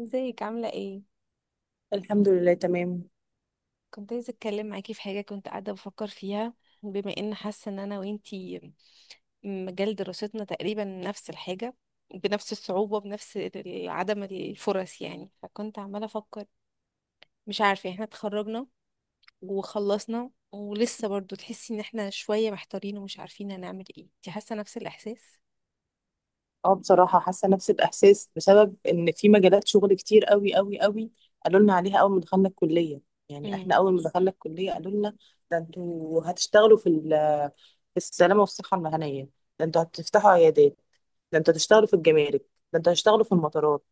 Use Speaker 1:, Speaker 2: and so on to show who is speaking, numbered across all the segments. Speaker 1: ازيك عاملة ايه؟
Speaker 2: الحمد لله تمام.
Speaker 1: كنت عايزة اتكلم معاكي في حاجة كنت قاعدة بفكر فيها، بما ان حاسة ان انا وانتي مجال دراستنا تقريبا نفس الحاجة، بنفس الصعوبة، بنفس عدم الفرص. يعني فكنت عمالة افكر، مش عارفة، احنا اتخرجنا وخلصنا ولسه برضو تحسي ان احنا شوية محتارين ومش عارفين هنعمل ايه. انتي حاسة نفس الاحساس؟
Speaker 2: اه بصراحة حاسة نفس الإحساس بسبب إن في مجالات شغل كتير قوي قوي قوي قالوا لنا عليها أول ما دخلنا الكلية. يعني
Speaker 1: امم،
Speaker 2: إحنا أول ما دخلنا الكلية قالوا لنا ده أنتوا هتشتغلوا في في السلامة والصحة المهنية. ده أنتوا هتفتحوا عيادات. ده أنتوا هتشتغلوا في الجمارك. ده أنتوا هتشتغلوا في المطارات.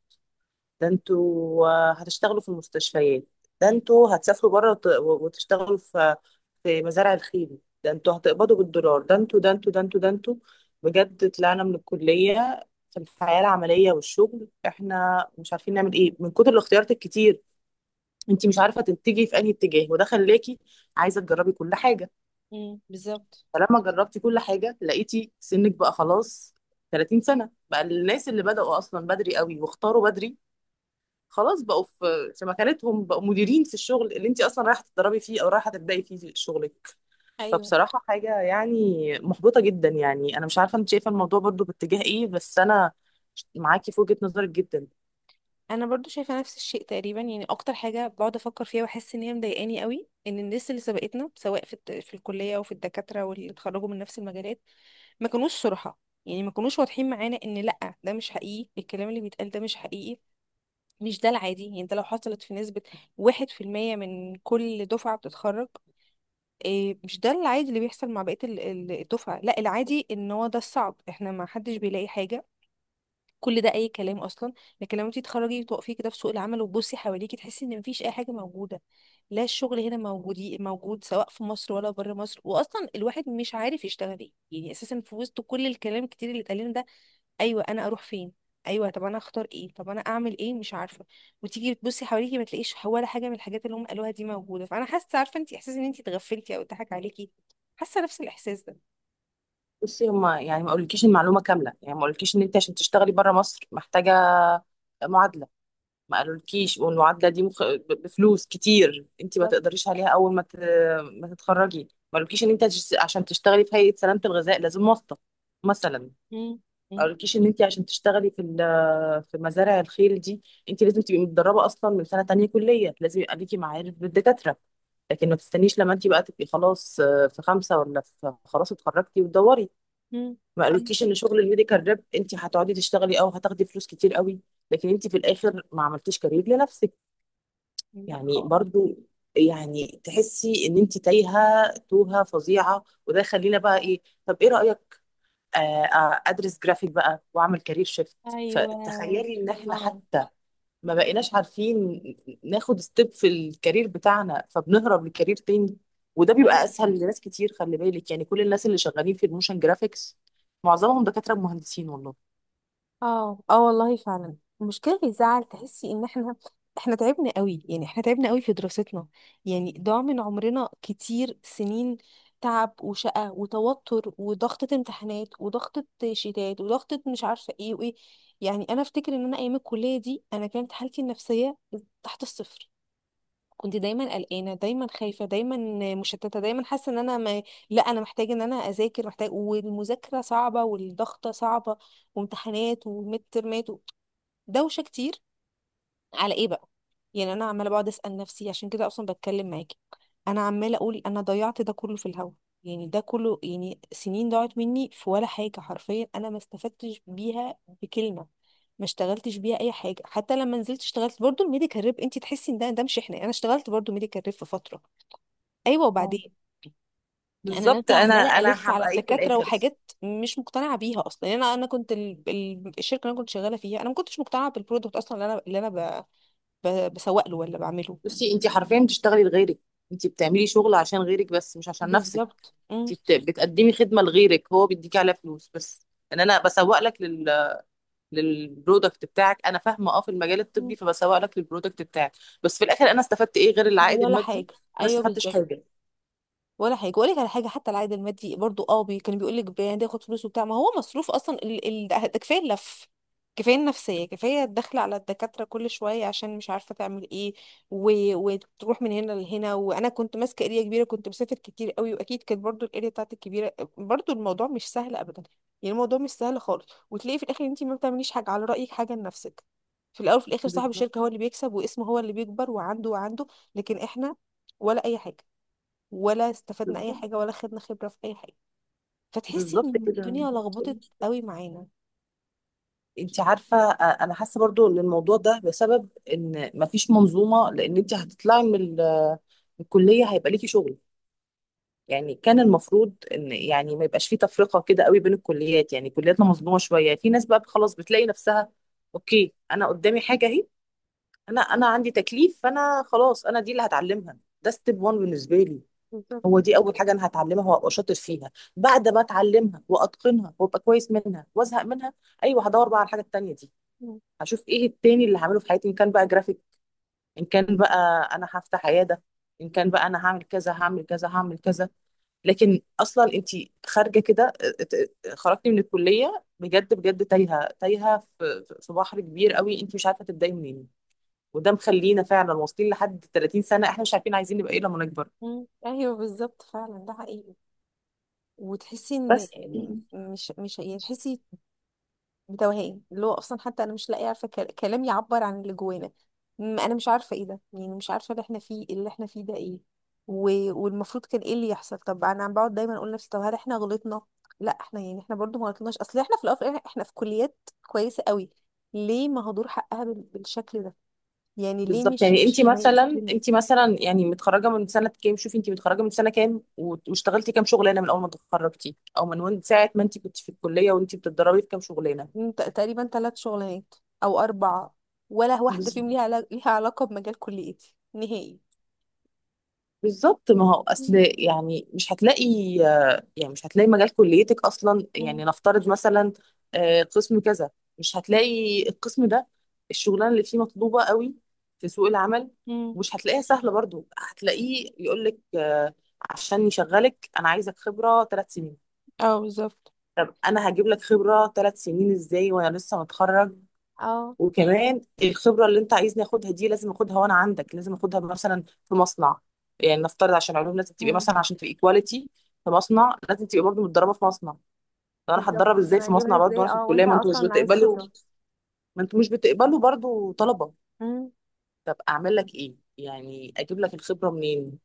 Speaker 2: ده انتوا هتشتغلوا في المستشفيات. ده انتوا هتسافروا بره وتشتغلوا في مزارع الخيل. ده انتوا هتقبضوا بالدولار، ده انتوا، ده انتوا، ده انتوا، ده انتوا. بجد طلعنا من الكلية في الحياة العملية والشغل احنا مش عارفين نعمل ايه من كتر الاختيارات الكتير. انت مش عارفة تتجهي في انهي اتجاه، وده خلاكي عايزة تجربي كل حاجة.
Speaker 1: امم، بالظبط.
Speaker 2: فلما جربتي كل حاجة لقيتي سنك بقى خلاص 30 سنة، بقى الناس اللي بدأوا أصلا بدري قوي واختاروا بدري خلاص بقوا في مكانتهم، بقوا مديرين في الشغل اللي انت اصلا رايحه تتدربي فيه او رايحه تبداي فيه شغلك.
Speaker 1: ايوه،
Speaker 2: فبصراحه حاجه يعني محبطه جدا. يعني انا مش عارفه انت شايفه الموضوع برضو باتجاه ايه، بس انا معاكي في وجهه نظرك جدا.
Speaker 1: انا برضو شايفه نفس الشيء تقريبا. يعني اكتر حاجه بقعد افكر فيها واحس ان هي مضايقاني قوي، ان الناس اللي سبقتنا سواء في الكليه وفي الدكاتره واللي اتخرجوا من نفس المجالات، ما كانوش صراحه، يعني ما كانوش واضحين معانا ان لا، ده مش حقيقي، الكلام اللي بيتقال ده مش حقيقي، مش ده العادي. يعني ده لو حصلت في نسبه 1% من كل دفعه بتتخرج، إيه، مش ده العادي اللي بيحصل مع بقيه الدفعه. لا، العادي ان هو ده الصعب، احنا ما حدش بيلاقي حاجه، كل ده اي كلام اصلا. لكن لما انت تتخرجي وتقفي كده في سوق العمل وتبصي حواليكي، تحسي ان مفيش اي حاجه موجوده. لا، الشغل هنا موجود موجود، سواء في مصر ولا بره مصر، واصلا الواحد مش عارف يشتغل ايه يعني اساسا في وسط كل الكلام الكتير اللي اتقال لنا ده. ايوه، انا اروح فين؟ ايوه، طب انا اختار ايه؟ طب انا اعمل ايه؟ مش عارفه. وتيجي بتبصي حواليكي ما تلاقيش ولا حاجه من الحاجات اللي هم قالوها دي موجوده، فانا حاسه، عارفه انت، احساس ان انت اتغفلتي او اتضحك عليكي. حاسه نفس الاحساس ده.
Speaker 2: بصي، هما يعني ما قالولكيش المعلومه كامله، يعني ما قالولكيش ان انت عشان تشتغلي بره مصر محتاجه معادله. ما قالولكيش والمعادله دي بفلوس كتير انت ما
Speaker 1: بالظبط.
Speaker 2: تقدريش عليها اول ما تتخرجي. ما قالولكيش ان انت عشان تشتغلي في هيئه سلامه الغذاء لازم واسطه مثلا.
Speaker 1: امم، امم.
Speaker 2: قالكيش ان انت عشان تشتغلي في في مزارع الخيل دي انت لازم تبقي متدربه اصلا من سنه تانية كليه، لازم يبقى ليكي معارف بالدكاتره. لكن ما تستنيش لما انت بقى تبقي خلاص في خمسه ولا في خلاص اتخرجتي وتدوري.
Speaker 1: مم.
Speaker 2: ما
Speaker 1: أيوة.
Speaker 2: قالكيش ان شغل الميديكال ريب انت هتقعدي تشتغلي او هتاخدي فلوس كتير قوي، لكن انت في الاخر ما عملتيش كارير لنفسك.
Speaker 1: لا
Speaker 2: يعني
Speaker 1: خالص.
Speaker 2: برضو يعني تحسي ان انت تايهه توهه فظيعه، وده يخلينا بقى ايه، طب ايه رايك ادرس جرافيك بقى واعمل كارير شيفت.
Speaker 1: ايوه.
Speaker 2: فتخيلي ان احنا
Speaker 1: اه.
Speaker 2: حتى ما بقيناش عارفين ناخد ستيب في الكارير بتاعنا، فبنهرب لكارير تاني، وده بيبقى
Speaker 1: ايوه.
Speaker 2: اسهل لناس كتير. خلي بالك، يعني كل الناس اللي شغالين في الموشن جرافيكس معظمهم دكاترة مهندسين والله.
Speaker 1: اه، اه والله فعلا، المشكله اللي تزعل تحسي ان احنا تعبنا قوي. يعني احنا تعبنا قوي في دراستنا، يعني ضاع من عمرنا كتير سنين، تعب وشقة وتوتر وضغطة امتحانات وضغطة شتات وضغطة مش عارفة ايه وايه. يعني انا افتكر ان انا ايام الكلية دي، انا كانت حالتي النفسية تحت الصفر. كنت دايما قلقانه، دايما خايفه، دايما مشتته، دايما حاسه ان انا ما... لا، انا محتاجه ان انا اذاكر، محتاج، والمذاكره صعبه والضغطه صعبه وامتحانات وميد ترمات دوشه كتير. على ايه بقى؟ يعني انا عماله بقعد اسال نفسي، عشان كده اصلا بتكلم معاكي. انا عماله اقول انا ضيعت ده كله في الهوا. يعني ده كله يعني سنين ضاعت مني في ولا حاجه، حرفيا انا ما استفدتش بيها بكلمه، ما اشتغلتش بيها اي حاجه. حتى لما نزلت اشتغلت برضو الميديكال ريب، انت تحسي ان ده مش احنا. انا اشتغلت برضو ميديكال ريب في فتره، ايوه،
Speaker 2: اه،
Speaker 1: وبعدين انا
Speaker 2: بالظبط.
Speaker 1: نازله
Speaker 2: انا
Speaker 1: عماله
Speaker 2: انا
Speaker 1: الف على
Speaker 2: هبقى ايه في
Speaker 1: الدكاتره
Speaker 2: الاخر.
Speaker 1: وحاجات مش مقتنعه بيها اصلا. يعني انا كنت الشركه اللي انا كنت شغاله فيها انا ما كنتش مقتنعه بالبرودكت اصلا اللي انا بسوق له ولا بعمله.
Speaker 2: بصي، انت حرفيا بتشتغلي لغيرك، انت بتعملي شغل عشان غيرك بس مش عشان نفسك.
Speaker 1: بالظبط، امم.
Speaker 2: انت بتقدمي خدمة لغيرك، هو بيديكي عليها فلوس بس. ان انا بسوق لك للبرودكت بتاعك، انا فاهمه اه، في المجال الطبي، فبسوق لك للبرودكت بتاعك. بس في الاخر انا استفدت ايه غير العائد
Speaker 1: ولا حاجه،
Speaker 2: المادي؟ انا
Speaker 1: ايوه
Speaker 2: استفدتش
Speaker 1: بالظبط.
Speaker 2: حاجه.
Speaker 1: ولا حاجه، واقول لك على حاجه، حتى العائد المادي برضو، اه، بي كان بيقول لك ده ياخد فلوس وبتاع، ما هو مصروف اصلا ده كفايه اللف، كفايه النفسيه، كفايه الدخل على الدكاتره كل شويه عشان مش عارفه تعمل ايه، وتروح من هنا لهنا. وانا كنت ماسكه اريا كبيره، كنت مسافر كتير قوي، واكيد كانت برضو الاريا بتاعتي كبيره، برضو الموضوع مش سهل ابدا، يعني الموضوع مش سهل خالص. وتلاقي في الاخر انت ما بتعمليش حاجه، على رايك، حاجه لنفسك. في الاول وفي الاخر صاحب
Speaker 2: بالظبط.
Speaker 1: الشركه هو اللي بيكسب واسمه هو اللي بيكبر وعنده وعنده. لكن احنا ولا اي حاجه، ولا استفدنا اي
Speaker 2: بالظبط.
Speaker 1: حاجه، ولا خدنا خبره في اي حاجه. فتحسي
Speaker 2: بالظبط
Speaker 1: ان
Speaker 2: كده.
Speaker 1: الدنيا لخبطت قوي معانا.
Speaker 2: انت عارفه انا حاسه برضو ان الموضوع ده بسبب ان مفيش منظومه. لان انت هتطلعي من من الكليه هيبقى ليكي شغل. يعني كان المفروض ان، يعني ما يبقاش فيه تفرقه كده قوي بين الكليات. يعني كلياتنا مظلومه شويه. في ناس بقى خلاص بتلاقي نفسها اوكي، انا قدامي حاجه اهي، انا عندي تكليف، فانا خلاص، انا دي اللي هتعلمها، ده ستيب 1 بالنسبه لي. هو
Speaker 1: بالظبط.
Speaker 2: دي اول حاجه انا هتعلمها وابقى شاطر فيها، بعد ما اتعلمها واتقنها وابقى كويس منها وازهق منها، ايوه هدور بقى على الحاجه التانيه دي.
Speaker 1: مم.
Speaker 2: هشوف ايه التاني اللي هعمله في حياتي، ان كان بقى جرافيك، ان كان بقى انا هفتح عياده، ان كان بقى انا هعمل كذا هعمل كذا هعمل كذا. لكن اصلا انت خارجه كده خرجتي من الكليه بجد بجد تايهه تايهه في بحر كبير قوي، انت مش عارفه تبداي منين، وده مخلينا فعلا واصلين لحد 30 سنه احنا مش عارفين عايزين نبقى ايه لما نكبر.
Speaker 1: مم. ايوه بالظبط، فعلا ده حقيقي. وتحسي ان
Speaker 2: بس
Speaker 1: إن
Speaker 2: يعني،
Speaker 1: مش يعني، تحسي بتوهان، اللي هو اصلا حتى انا مش لاقيه، عارفه، كلام يعبر عن اللي جوانا. انا مش عارفه ايه ده، يعني مش عارفه اللي احنا فيه، اللي احنا فيه ده ايه، و... والمفروض كان ايه اللي يحصل. طب انا عم بقعد دايما اقول لنفسي طب هل احنا غلطنا؟ لا، احنا يعني احنا برضو ما غلطناش، اصل احنا في الاول وفي الآخر احنا في كليات كويسه قوي، ليه مهدور حقها بالشكل ده؟ يعني ليه
Speaker 2: بالظبط،
Speaker 1: مش
Speaker 2: يعني انت
Speaker 1: مش معايا
Speaker 2: مثلا
Speaker 1: هنا؟
Speaker 2: انت مثلا يعني متخرجه من سنه كام؟ شوفي انت متخرجه من سنه كام واشتغلتي كام شغلانه من اول ما اتخرجتي او من ساعه ما انت كنت في الكليه وانت بتتدربي في كام شغلانه؟
Speaker 1: تقريبا 3 شغلانات او 4، ولا واحده فيهم ليها علاقه، ليها علاقه بمجال كليتي نهائي.
Speaker 2: بالظبط، ما هو اصل،
Speaker 1: مم.
Speaker 2: يعني مش هتلاقي، يعني مش هتلاقي مجال كليتك اصلا. يعني نفترض مثلا قسم كذا، مش هتلاقي القسم ده، الشغلانه اللي فيه مطلوبه قوي في سوق العمل.
Speaker 1: مم.
Speaker 2: مش هتلاقيها سهله برضو، هتلاقيه يقول لك عشان يشغلك انا عايزك خبره 3 سنين.
Speaker 1: اه بالظبط.
Speaker 2: طب انا هجيب لك خبره 3 سنين ازاي وانا لسه متخرج؟
Speaker 1: اه.
Speaker 2: وكمان الخبرة اللي انت عايزني اخدها دي لازم اخدها وانا عندك، لازم اخدها مثلا في مصنع. يعني نفترض عشان علوم لازم تبقي
Speaker 1: مم.
Speaker 2: مثلا، عشان تبقي كواليتي في مصنع لازم تبقي برضه متدربة في مصنع. طب انا
Speaker 1: بالظبط.
Speaker 2: هتدرب ازاي
Speaker 1: انا
Speaker 2: في
Speaker 1: هجيبها
Speaker 2: مصنع برضه
Speaker 1: ازاي؟
Speaker 2: وانا في
Speaker 1: اه،
Speaker 2: الكلية،
Speaker 1: وانت
Speaker 2: ما انتوا مش
Speaker 1: اصلا عايز
Speaker 2: بتقبلوا،
Speaker 1: خبرة.
Speaker 2: ما انتوا مش بتقبلوا برضه طلبة؟
Speaker 1: مم.
Speaker 2: طب اعمل لك ايه؟ يعني اجيب لك الخبرة منين؟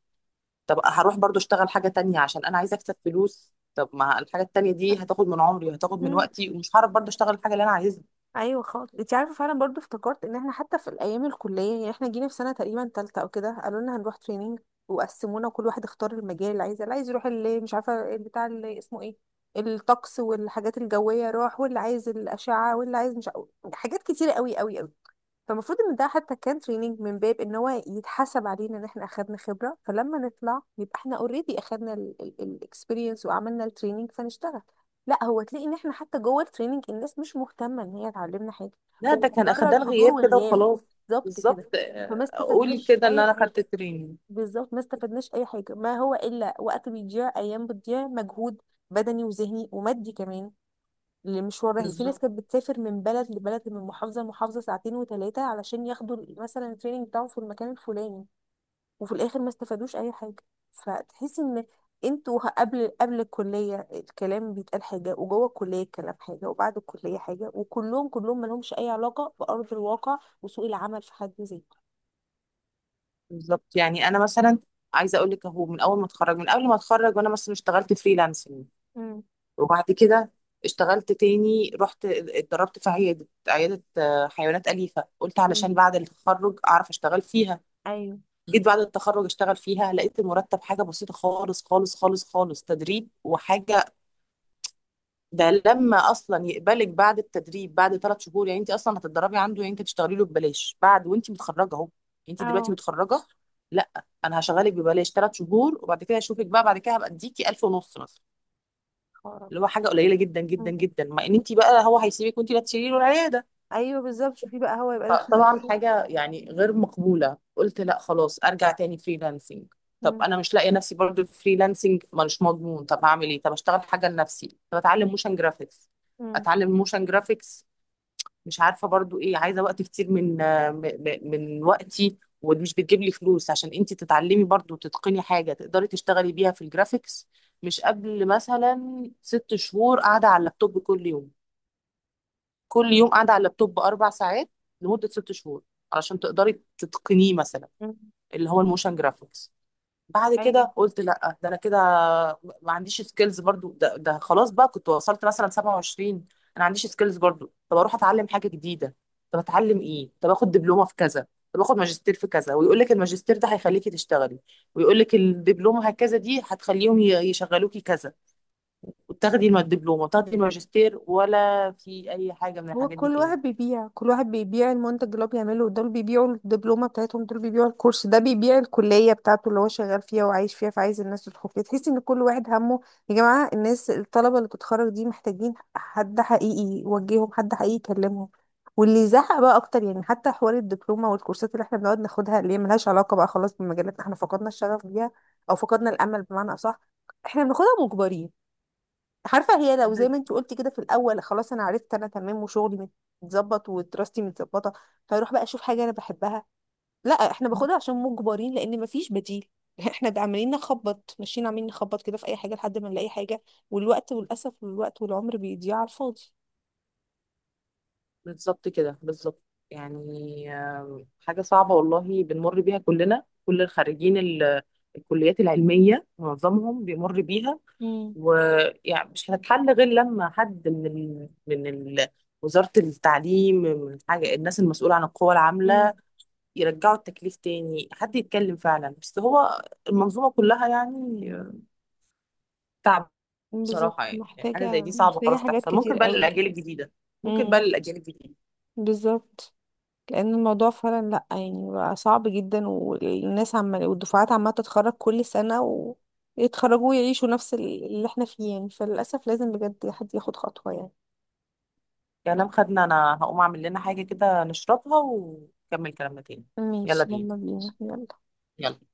Speaker 2: طب هروح برضه اشتغل حاجة تانية عشان انا عايزة اكسب فلوس؟ طب ما الحاجة التانية دي هتاخد من عمري وهتاخد من
Speaker 1: مم.
Speaker 2: وقتي ومش هعرف برضه اشتغل الحاجة اللي انا عايزها.
Speaker 1: ايوه خالص. انت عارفه، فعلا برضو افتكرت ان احنا حتى في الايام الكليه، يعني احنا جينا في سنه تقريبا تالتة او كده، قالوا لنا هنروح تريننج. وقسمونا، كل واحد اختار المجال اللي عايزه، اللي عايز يروح اللي مش عارفه بتاع، اللي اسمه ايه، الطقس والحاجات الجويه راح، واللي عايز الاشعه، واللي عايز مش عارف- حاجات كتيره قوي قوي قوي. فالمفروض ان ده حتى كان تريننج من باب ان هو يتحسب علينا ان احنا اخدنا خبره، فلما نطلع يبقى احنا اوريدي اخدنا الاكسبيرينس وعملنا التريننج فنشتغل. لا، هو تلاقي ان احنا حتى جوه التريننج الناس مش مهتمه ان هي تعلمنا حاجه،
Speaker 2: لا، ده
Speaker 1: هو
Speaker 2: كان
Speaker 1: مجرد
Speaker 2: اخدان
Speaker 1: حضور
Speaker 2: غياب كده
Speaker 1: وغياب.
Speaker 2: وخلاص.
Speaker 1: بالظبط
Speaker 2: بالظبط
Speaker 1: كده. فما
Speaker 2: اقول
Speaker 1: استفدناش
Speaker 2: كده ان
Speaker 1: اي
Speaker 2: انا خدت
Speaker 1: حاجه،
Speaker 2: تريننج.
Speaker 1: بالظبط ما استفدناش اي حاجه. ما هو الا وقت بيضيع، ايام بتضيع، مجهود بدني وذهني ومادي كمان، لمشوار رحلة. في ناس
Speaker 2: بالظبط.
Speaker 1: كانت بتسافر من بلد لبلد، من محافظة لمحافظة، ساعتين وثلاثة علشان ياخدوا مثلا التريننج بتاعهم في المكان الفلاني، وفي الآخر ما استفادوش أي حاجة. فتحس إن انتوا، قبل الكلية الكلام بيتقال حاجة، وجوه الكلية الكلام حاجة، وبعد الكلية حاجة، وكلهم مالهمش أي علاقة بأرض الواقع وسوق العمل في حد ذاته.
Speaker 2: بالظبط. يعني انا مثلا عايزه اقول لك اهو، من اول ما اتخرج، من قبل ما اتخرج، وانا مثلا اشتغلت فريلانسنج.
Speaker 1: مم.
Speaker 2: وبعد كده اشتغلت تاني، رحت اتدربت في عياده حيوانات اليفه، قلت
Speaker 1: مم.
Speaker 2: علشان بعد التخرج اعرف اشتغل فيها.
Speaker 1: أيوه.
Speaker 2: جيت بعد التخرج اشتغل فيها، لقيت المرتب حاجه بسيطه خالص خالص خالص خالص، تدريب وحاجه. ده لما اصلا يقبلك بعد التدريب بعد 3 شهور، يعني انت اصلا هتتدربي عنده، يعني انت تشتغلي له ببلاش بعد وانت متخرجه اهو. انت دلوقتي
Speaker 1: أو.
Speaker 2: متخرجه؟ لا، انا هشغلك ببلاش 3 شهور، وبعد كده اشوفك بقى، بعد كده هبقى اديكي 1000 ونص مثلا.
Speaker 1: خرب.
Speaker 2: اللي هو حاجه قليله جدا جدا
Speaker 1: مم.
Speaker 2: جدا، مع ان انت بقى هو هيسيبك وانت اللي هتشيلي له العياده.
Speaker 1: أيوه بالظبط، شوفي بقى هو يبقى داخل قد
Speaker 2: فطبعا
Speaker 1: إيه.
Speaker 2: حاجه يعني غير مقبوله، قلت لا خلاص ارجع تاني فريلانسنج. طب
Speaker 1: مم.
Speaker 2: انا مش لاقيه نفسي برضه في فريلانسنج، مش مضمون. طب هعمل ايه؟ طب اشتغل حاجه لنفسي، طب اتعلم موشن جرافيكس.
Speaker 1: مم.
Speaker 2: اتعلم موشن جرافيكس، مش عارفه برضو ايه، عايزه وقت كتير من من وقتي ومش بتجيب لي فلوس، عشان انت تتعلمي برضو تتقني حاجه تقدري تشتغلي بيها في الجرافيكس. مش قبل مثلا 6 شهور قاعده على اللابتوب كل يوم، كل يوم قاعده على اللابتوب 4 ساعات لمده 6 شهور علشان تقدري تتقنيه مثلا،
Speaker 1: مم.
Speaker 2: اللي هو الموشن جرافيكس. بعد
Speaker 1: أيوه.
Speaker 2: كده قلت لا، ده انا كده ما عنديش سكيلز برضو، ده خلاص بقى كنت وصلت مثلا 27 انا. ما عنديش سكيلز برضو، طب اروح اتعلم حاجه جديده؟ طب اتعلم ايه؟ طب اخد دبلومه في كذا؟ طب اخد ماجستير في كذا؟ ويقول لك الماجستير ده هيخليكي تشتغلي، ويقول لك الدبلومه هكذا دي هتخليهم يشغلوكي كذا. وتاخدي الدبلومه وتاخدي الماجستير ولا في اي حاجه من
Speaker 1: هو
Speaker 2: الحاجات دي.
Speaker 1: كل واحد بيبيع، كل واحد بيبيع المنتج اللي هو بيعمله. دول بيبيعوا الدبلومة بتاعتهم، دول بيبيعوا الكورس ده، بيبيع الكلية بتاعته اللي هو شغال فيها وعايش فيها فعايز الناس تدخل فيها. تحس ان كل واحد همه، يا جماعة الناس، الطلبة اللي بتتخرج دي محتاجين حد حقيقي يوجههم، حد حقيقي يكلمهم واللي يزعق بقى اكتر. يعني حتى حوار الدبلومة والكورسات اللي احنا بنقعد ناخدها اللي هي ملهاش علاقة بقى خلاص بمجالاتنا، احنا فقدنا الشغف بيها، او فقدنا الامل بمعنى اصح. احنا بناخدها مجبرين. عارفه، هي لو زي
Speaker 2: تاني.
Speaker 1: ما انت قلتي كده في الاول، خلاص انا عرفت انا تمام وشغلي متظبط ودراستي متظبطه، فاروح بقى اشوف حاجه انا بحبها. لا، احنا باخدها عشان مجبرين لان مفيش بديل. احنا ده عمالين نخبط، ماشيين عمالين نخبط كده في اي حاجه لحد ما نلاقي حاجه، والوقت والاسف والوقت والعمر بيضيع على الفاضي.
Speaker 2: بالظبط كده، بالظبط. يعني حاجة صعبة والله، بنمر بيها كلنا، كل الخريجين الكليات العلمية معظمهم بيمر بيها.
Speaker 1: امم.
Speaker 2: ويعني مش هتتحل غير لما حد من وزارة التعليم، من حاجة، الناس المسؤولة عن القوى العاملة،
Speaker 1: امم،
Speaker 2: يرجعوا التكليف تاني، حد يتكلم فعلا. بس هو المنظومة كلها يعني تعب بصراحة.
Speaker 1: بالظبط.
Speaker 2: يعني حاجة
Speaker 1: محتاجه،
Speaker 2: زي دي صعبة
Speaker 1: محتاجه
Speaker 2: خلاص
Speaker 1: حاجات
Speaker 2: تحصل،
Speaker 1: كتير
Speaker 2: ممكن بقى
Speaker 1: قوي.
Speaker 2: للأجيال الجديدة. ممكن بقى
Speaker 1: امم.
Speaker 2: للأجيال الجديدة.
Speaker 1: بالظبط. لان الموضوع فعلا لا يعني بقى صعب جدا، والناس عمال والدفعات عماله تتخرج كل سنه، ويتخرجوا ويعيشوا نفس اللي احنا فيه. يعني فللاسف لازم بجد حد ياخد خطوه يعني.
Speaker 2: كلام خدنا، انا هقوم اعمل لنا حاجة كده نشربها ونكمل كلامنا تاني. يلا
Speaker 1: ماشي،
Speaker 2: بينا،
Speaker 1: يلا بينا، يلا.
Speaker 2: يلا.